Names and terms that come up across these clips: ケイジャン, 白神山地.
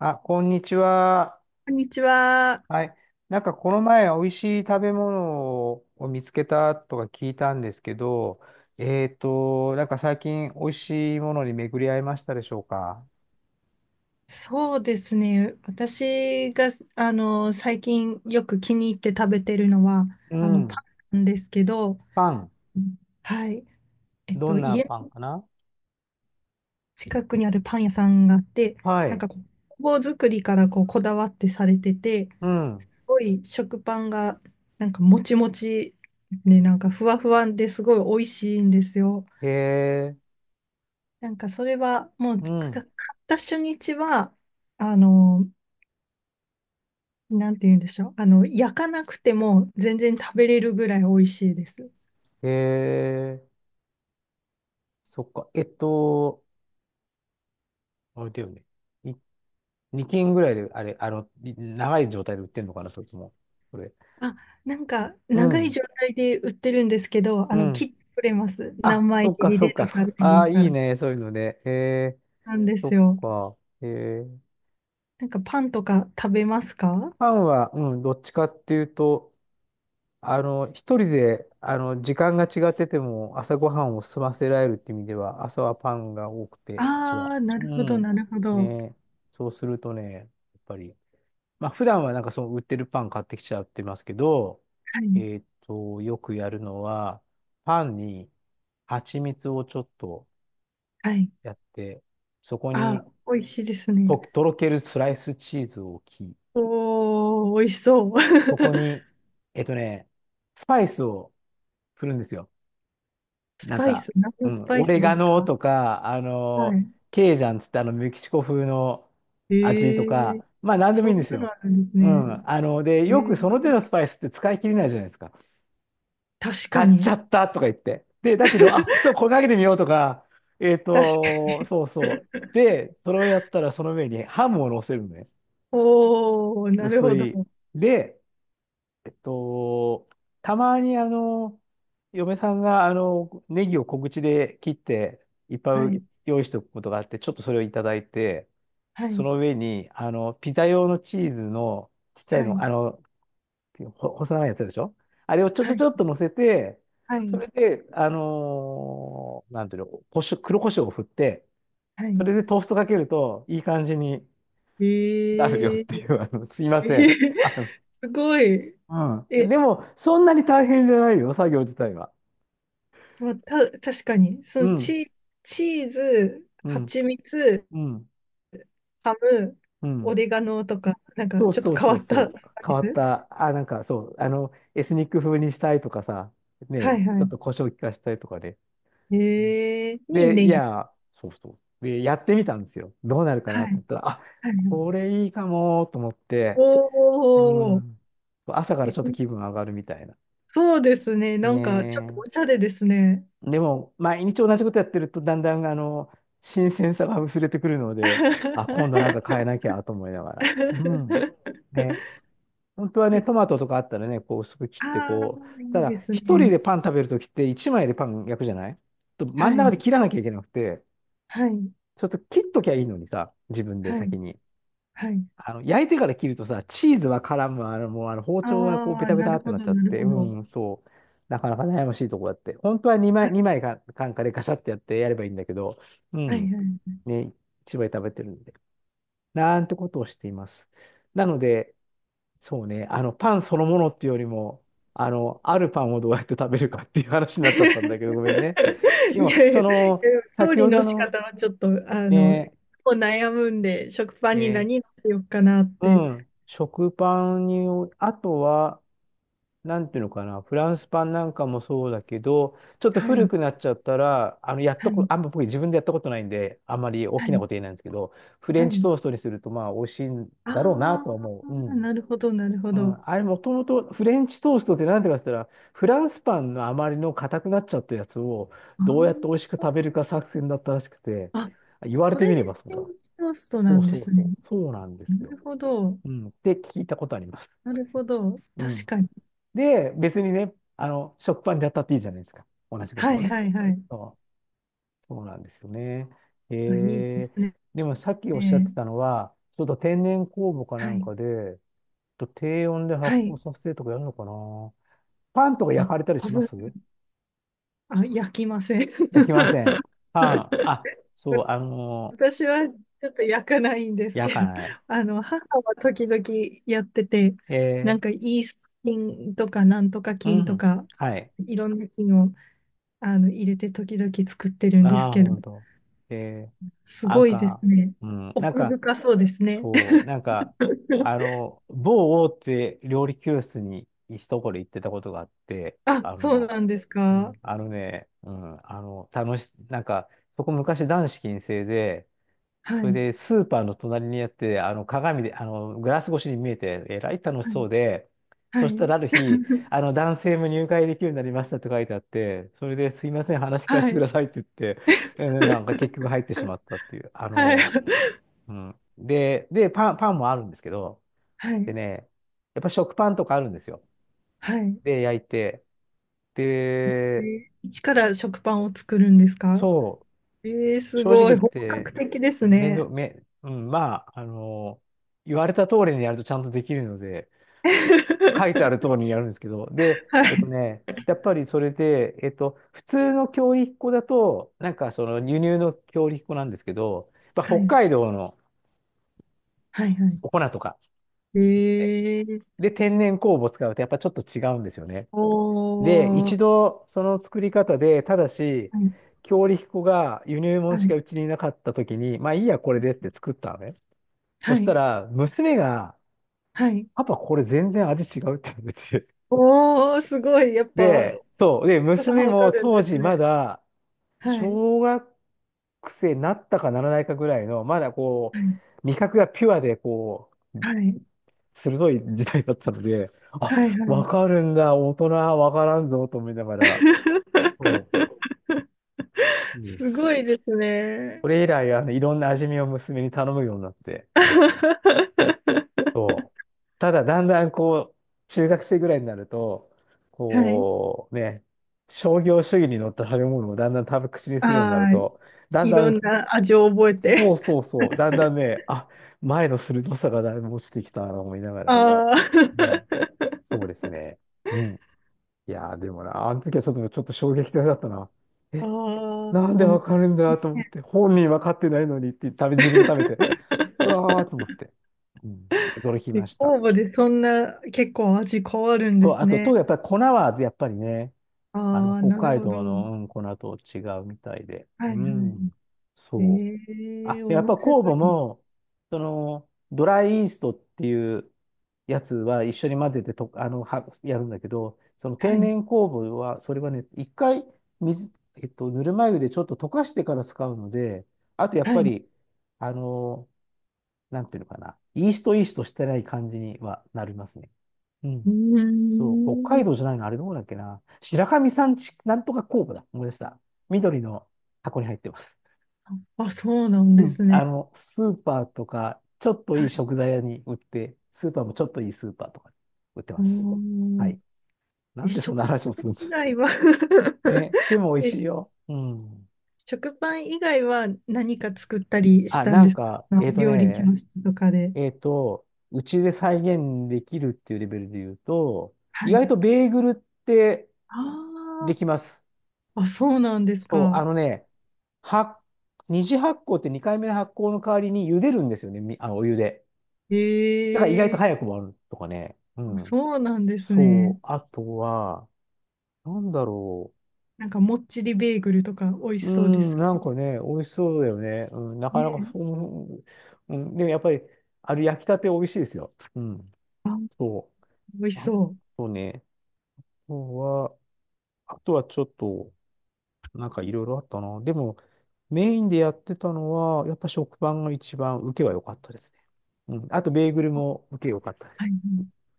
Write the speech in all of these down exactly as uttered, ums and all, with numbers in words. あ、こんにちは。こんにちは。はい。なんかこの前、美味しい食べ物を見つけたとか聞いたんですけど、えっと、なんか最近美味しいものに巡り合いましたでしょうか？そうですね。私が、あの、最近よく気に入って食べてるのは、うあの、ん。パンなんですけど、パン。うんはい。えっどと、んな家パンのかな？近くにあるパン屋さんがあって、はなんい。かこ工房作りからこう、こだわってされてて、すうん。ごい食パンが、なんかもちもち、ね、なんかふわふわですごい美味しいんですよ。へえ。なんかそれは、もう、うか買ん。った初日は、あの、なんて言うんでしょう。あの、焼かなくても全然食べれるぐらい美味しいです。へえ。そっか。えっと、あれだよね。いにきん斤ぐらいで、あれ、あの、い長い状態で売ってんのかな、それとも。これ。あ、なんか、う長いん。状態で売ってるんですけど、うあの、切ん。ってくれます。何あ、そ枚っ切か、りそっでか。とかってあ言あ、ったいいら。ね、そういうのでええ、なんでそすっよ。か。ええ、なんか、パンとか食べますか？パンは、うん、どっちかっていうと、あの、一人で、あの、時間が違ってても、朝ごはんを済ませられるって意味では、朝はパンが多くて、うちあは。あー、なるうほど、ん。なるほど。ねえ、そうするとね、やっぱり、まあ、普段はなんかその売ってるパン買ってきちゃってますけど、はい、えっと、よくやるのは、パンに蜂蜜をちょっとはい。やって、そこに、あ、美味しいですね。と、とろけるスライスチーズを置き、おー、美味しそう。そこに、えっとね、スパイスをするんですよ。スなんパイか、ス、何うのスん、パイオスレでガすノか？とか、あはの、い。ケイジャンつってあの、メキシコ風のえ味とか、ー、まあ、なんでもそいいんでんすなのよ。あるんですうね。ん。あの、で、えよくその手ー、のスパイスって使い切れないじゃないですか。確か買っちゃに。ったとか言って。で、だけど、あ、ちょっと これかけてみようとか、えっ確かと、そうそに。う。で、それをやったらその上にハムを乗せるのね。おー、なる薄ほど。い。で、えっと、たまにあの、嫁さんがあの、ネギを小口で切っていっはぱいい、用意しておくことがあって、ちょっとそれをいただいて、はそい、の上に、あの、ピザ用のチーズのちっちゃいはの、い、あの、ほ細長いやつでしょ？あれをちょちはょい、ちょっと乗せて、はそい、れで、あのーなんていうの、こしょ黒胡椒を振って、はそい。れでトーストかけるといい感じにえなるよっー、てい う、あの、すいまえせん。ー、あすごい。うん。え、でも、そんなに大変じゃないよ、作業自体は。まあ、た、確かに、そうのん、チ、チーズ、うん、蜂蜜、うん、ハム、うオん。レガノとか、なんかそうちょっそうと変そわうったスそう。パ変イス。わった、あ、なんかそう、あの、エスニック風にしたいとかさ、ね、はいちょっはと胡椒効かしたいとかね。い。うんえー、にで、いネギ。や、そうそう。で、やってみたんですよ。どうなるかなはと思い、ったら、あ、はこい。れいいかもと思って、うおー、ん。朝からちょっと気え分上がるみたいな。そうですね。なねんかちょっとおしえ。ゃれですね。でも、毎日同じことやってると、だんだん、あの、新鮮さが薄れてくるので、あ、今度なんか変えなきゃと思いながら。うん。ね。本当はね、で、トマトとかあったらね、こう薄く切って、ああ、こう、いたいだ、です一人ね。でパン食べるときって、一枚でパン焼くじゃない？と、は真ん中でい、切らなきゃいけなくて、はい、ちょっと切っときゃいいのにさ、自分では先い、に。はい。あの、焼いてから切るとさ、チーズは絡む、あの、もうあの包丁がこうあベあ、タベなタるってほなっど、ちゃっなるて、ほうど。ん、そう。なかなか悩ましいとこだって。本当は2は枚、い、二枚か、カンカでガシャってやってやればいいんだけど、うはい、ん、はい。ね、一枚食べてるんで。なんてことをしています。なので、そうね、あの、パンそのものっていうよりも、あの、あるパンをどうやって食べるかっていう話 にいなっやちゃったんだけど、ごめんね。でも、いそや、いやの、調先理ほどの仕の、方はちょっと、あの、もね、う悩むんで、食パンにね、何乗せようかなっうて。ん、食パンに、あとは、なんていうのかな、フランスパンなんかもそうだけど、ちょっとは古い、くなっちゃったら、あの、やっはとこ、い、あんま僕自分でやったことないんで、あんまり大はきない、こと言えないんですけど、フレはンチい。トーストにすると、まあ、美味しいんだろうなとはあ思う。うあ、ん。なるほど、なるほうど。ん、あれ、もともとフレンチトーストってなんていうかって言ったら、フランスパンのあまりの硬くなっちゃったやつを、あどうやってー美味しく食べるか作戦だったらしくて、あ、言われそてみれでればそうフだ。レンチトーストそなうんでそうすそね。う。そうなんでなすよ。るほど。うん。って聞いたことあります。なるほど。うん。確かに。で、別にね、あの、食パンでやったっていいじゃないですか。同じこはとをいね。はいはい。そう、そうなんですよね。あ、いいでえー、すね。でもさっきおっしゃってたのは、ちょっと天然酵母かなはんい。かで、ちょっと低温で発は酵い。させてとかやるのかな。パンとかあ、焼かれたり多しま分、す？あ、焼きません。焼きません。パン。あ、そう、あのー私はちょっと焼かないんです焼けかど、ない。あの、母は時々やってて、なえんかイースト菌とかなんとかー、う菌とん。か、はい。いろんな菌をあの入れて時々作ってるんですああ、けほんど、と。ええすなんごいですか、ね。うん、なん奥か、深そうですね。そう、なんか、あ の、某大手料理教室に一ところ行ってたことがあって、あ、あそうの、なんですうか。ん、あのね、うん、あの、楽し、なんか、そこ昔男子禁制で、はそれい。でスーパーの隣にあって、あの、鏡で、あの、グラス越しに見えて、えらい楽しはそい。うで、はそしたい。らある日、あの、男性も入会できるようになりましたって書いてあって、それですいません、話聞かせはてくい。ださいって言って、えーなんか結局入ってしまったっていう、あはい。の、うん。で、で、パン、パンもあるんですけど、はでい。ね、やっぱ食パンとかあるんですよ。はい。で、焼いて。えで、ー一から食パンを作るんですか？そえー、う、す正直ご言い。っ本て、格的です面ね。倒、め、うん、まあ、あの、言われた通りにやるとちゃんとできるので、書いてある 通りにやるんですけど、で、はえっとい。ね、やっぱりそれで、えっと、普通の強力粉だと、なんかその輸入の強力粉なんですけど、やっぱは北い。海道のはい。はお粉とかい。って、えー、で、天然酵母を使うとやっぱちょっと違うんですよね。で、お一ー。度その作り方で、ただし、はい。強力粉が輸入は物しかい。うちにいなかった時に、まあいいや、これでって作ったのね。そはしたい。ら、娘が、はいパパ、これ全然味違うって言われて。おー、すごい。やっぱ、で、そう。で、お子さ娘んわかもるん当です時まね。だ、はい。小学生になったかならないかぐらいの、まだこはい。う、味覚がピュアで、こう、はい。鋭い時代だったので、あ、はい。はわい。かるんだ、大人はわからんぞ、と思いながら。そ う。うんすごいですね。それ以来、あの、いろんな味見を娘に頼むようになって。そうただ、だんだんこう、中学生ぐらいになると、はい。こう、ね、商業主義に乗った食べ物をだんだん食べ口にするようになるああ、と、だんいだろん、んな味を覚えそて。うそうそう、だんだんね、あ、前の鋭さがだいぶ落ちてきたなと思いなが ら、あうあ。ん、そうですね。うん。いやー、でもな、あの時はちょっと、ちょっと衝撃的だったな。あ えあ、なんでうわん。かるんだと思って、本人わかってないのにって食べ、自分で食べて、うわーと思 って、うん、驚きで、ました。酵母でそんな結構味変わるんでと、すあと、と、ね。やっぱり粉は、やっぱりね、あの、ああ、北なる海ほど。道の、うん、粉と違うみたいで、はいうん、はい。そう。えあ、え、でやっ面ぱ白酵母い。も、その、ドライイーストっていうやつは一緒に混ぜてと、あの、は、やるんだけど、そのは天い。然酵母は、それはね、一回水、えっと、ぬるま湯でちょっと溶かしてから使うので、あとやっはぱい。り、あの、なんていうのかな、イーストイーストしてない感じにはなりますね。ううん。ーそう、北海ん。道じゃないの、あれどこだっけな。白神山地、なんとか酵母だ。思い出した。緑の箱に入ってます。あ、そうなんうでん、すあね。の、スーパーとか、ちょっといい食材屋に売って、スーパーもちょっといいスーパーとかに売っておます。はーい。なえ、んでそんな食パ話をすンるんです以か。外は ね。でも美味え、しいよ。うん。食パン以外は何か作ったりしあ、たんなでんすか？か、えっと料理教ね、室とかで。えっと、うちで再現できるっていうレベルで言うと、は意外い。とベーグルってあできます。ーあ、そうなんですそう、か。あのね、は、二次発酵ってにかいめの発酵の代わりに茹でるんですよね、みあのお湯で。だから意外とえ早えくもあるとかね。うん。そうなんですそね。う。あとは、なんだろなんかもっちりベーグルとか美味う。しうーそうでん、す。なんかね、美味しそうだよね。うん、なかねなかえ、そう、うん、でもやっぱり、あれ焼きたて美味しいですよ。うん、あ、そ美味う。しあそう。とね、あとは、あとはちょっと、なんかいろいろあったな。でも、メインでやってたのは、やっぱ食パンが一番受けは良かったですね。うん、あと、ベーグルも受け良かったではす。い。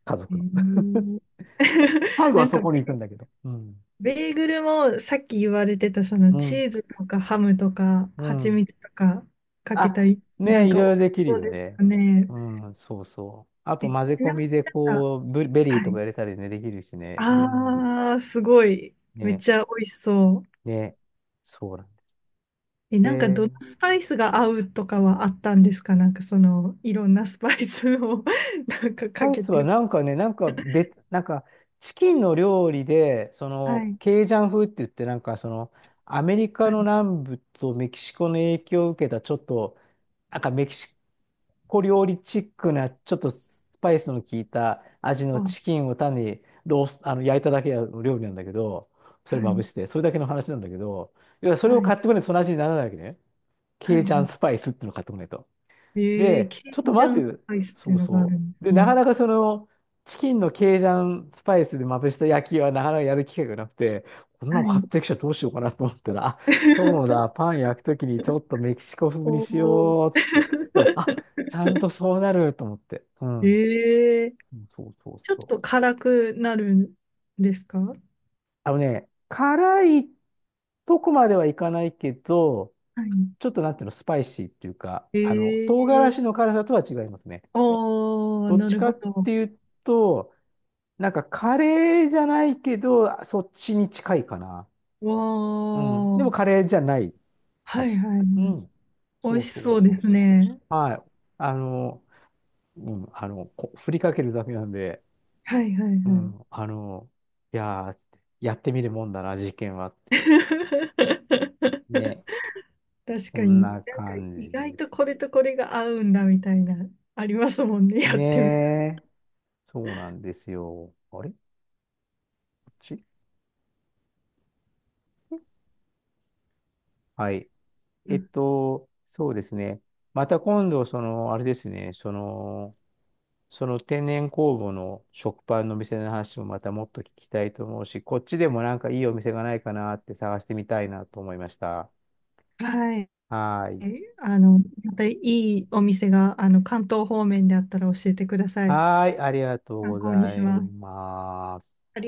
家え族の。ー 最後なはんそかこに行くんだけど。うん。ベーグルもさっき言われてたそのうチん。ーズとかハムとかう蜂ん。蜜とかかけあ、たり、なねんえ、いか美ろ味いしろできるそうよですね。かね。うん、そうそう。あとえ、ち混ぜ込なみにみでなんか、こう、ブベリーはとかい。入れたりね、できるしね。うん。あー、すごい。めっね、ちゃ美味しそう。ね、そうなんだ。え、なんかどのえスパイスが合うとかはあったんですか？なんかそのいろんなスパイスを なんかかアイけスはて。なんかね、なんか別、なんかチキンの料理で、そはのい。ケイジャン風って言って、なんかそのアメリカはのい南部とメキシコの影響を受けたちょっと、なんかメキシコ料理チックな、ちょっとスパイスの効いた味のチあ、キンを単にロース、あの焼いただけの料理なんだけど、そはれまぶい。して、それだけの話なんだけど、いやそれはをい。買ってこないとその味にならないわけね。はケイい。ジャはンいスパイスっていうのを買ってこないと。えー、で、ケちょっイとジャ待てンスよ、パイスってそいううのがあそるんでう。で、すなね。かなかその、チキンのケイジャンスパイスでまぶした焼きはなかなかやる機会がなくて、こんなはの買っい。てきちゃどうしようかなと思ったら、あ、そうだ、パン焼くときにちょっとメキシコ風におしお。ようっつって。だから、あ、ちゃんとそうなると思って。うん。ええそうそうちょっそう。と辛くなるんですか？はい。あのね、辛いとこまではいかないけど、ちょっとなんていうの、スパイシーっていうか、あの、唐辛ええ子の辛さとは違いますね。ああ、どっなちるかほっど。ていうと、なんかカレーじゃないけど、そっちに近いかな。わうん。でもカあ。レーじゃないはい味。はいはい。うん。美そ味うしそうそうでそうすそね。う。はい。あの、うん、あの、こ振りかけるだけなんで、はいはいうはい。ん、あの、いやー、やってみるもんだな、事件は。確ね。かこんに。なんかな感意じ外でとす。これとこれが合うんだみたいな、ありますもんね。やっねてみたえ。そうなんですよ。あれこっちはい。えっら。と、そうですね。また今度、その、あれですね、その、その天然酵母の食パンのお店の話もまたもっと聞きたいと思うし、こっちでもなんかいいお店がないかなって探してみたいなと思いました。はい。はーえ、い。あの、またいいお店が、あの、関東方面であったら教えてください。はーい、ありがとう参ご考にざしいます。ます。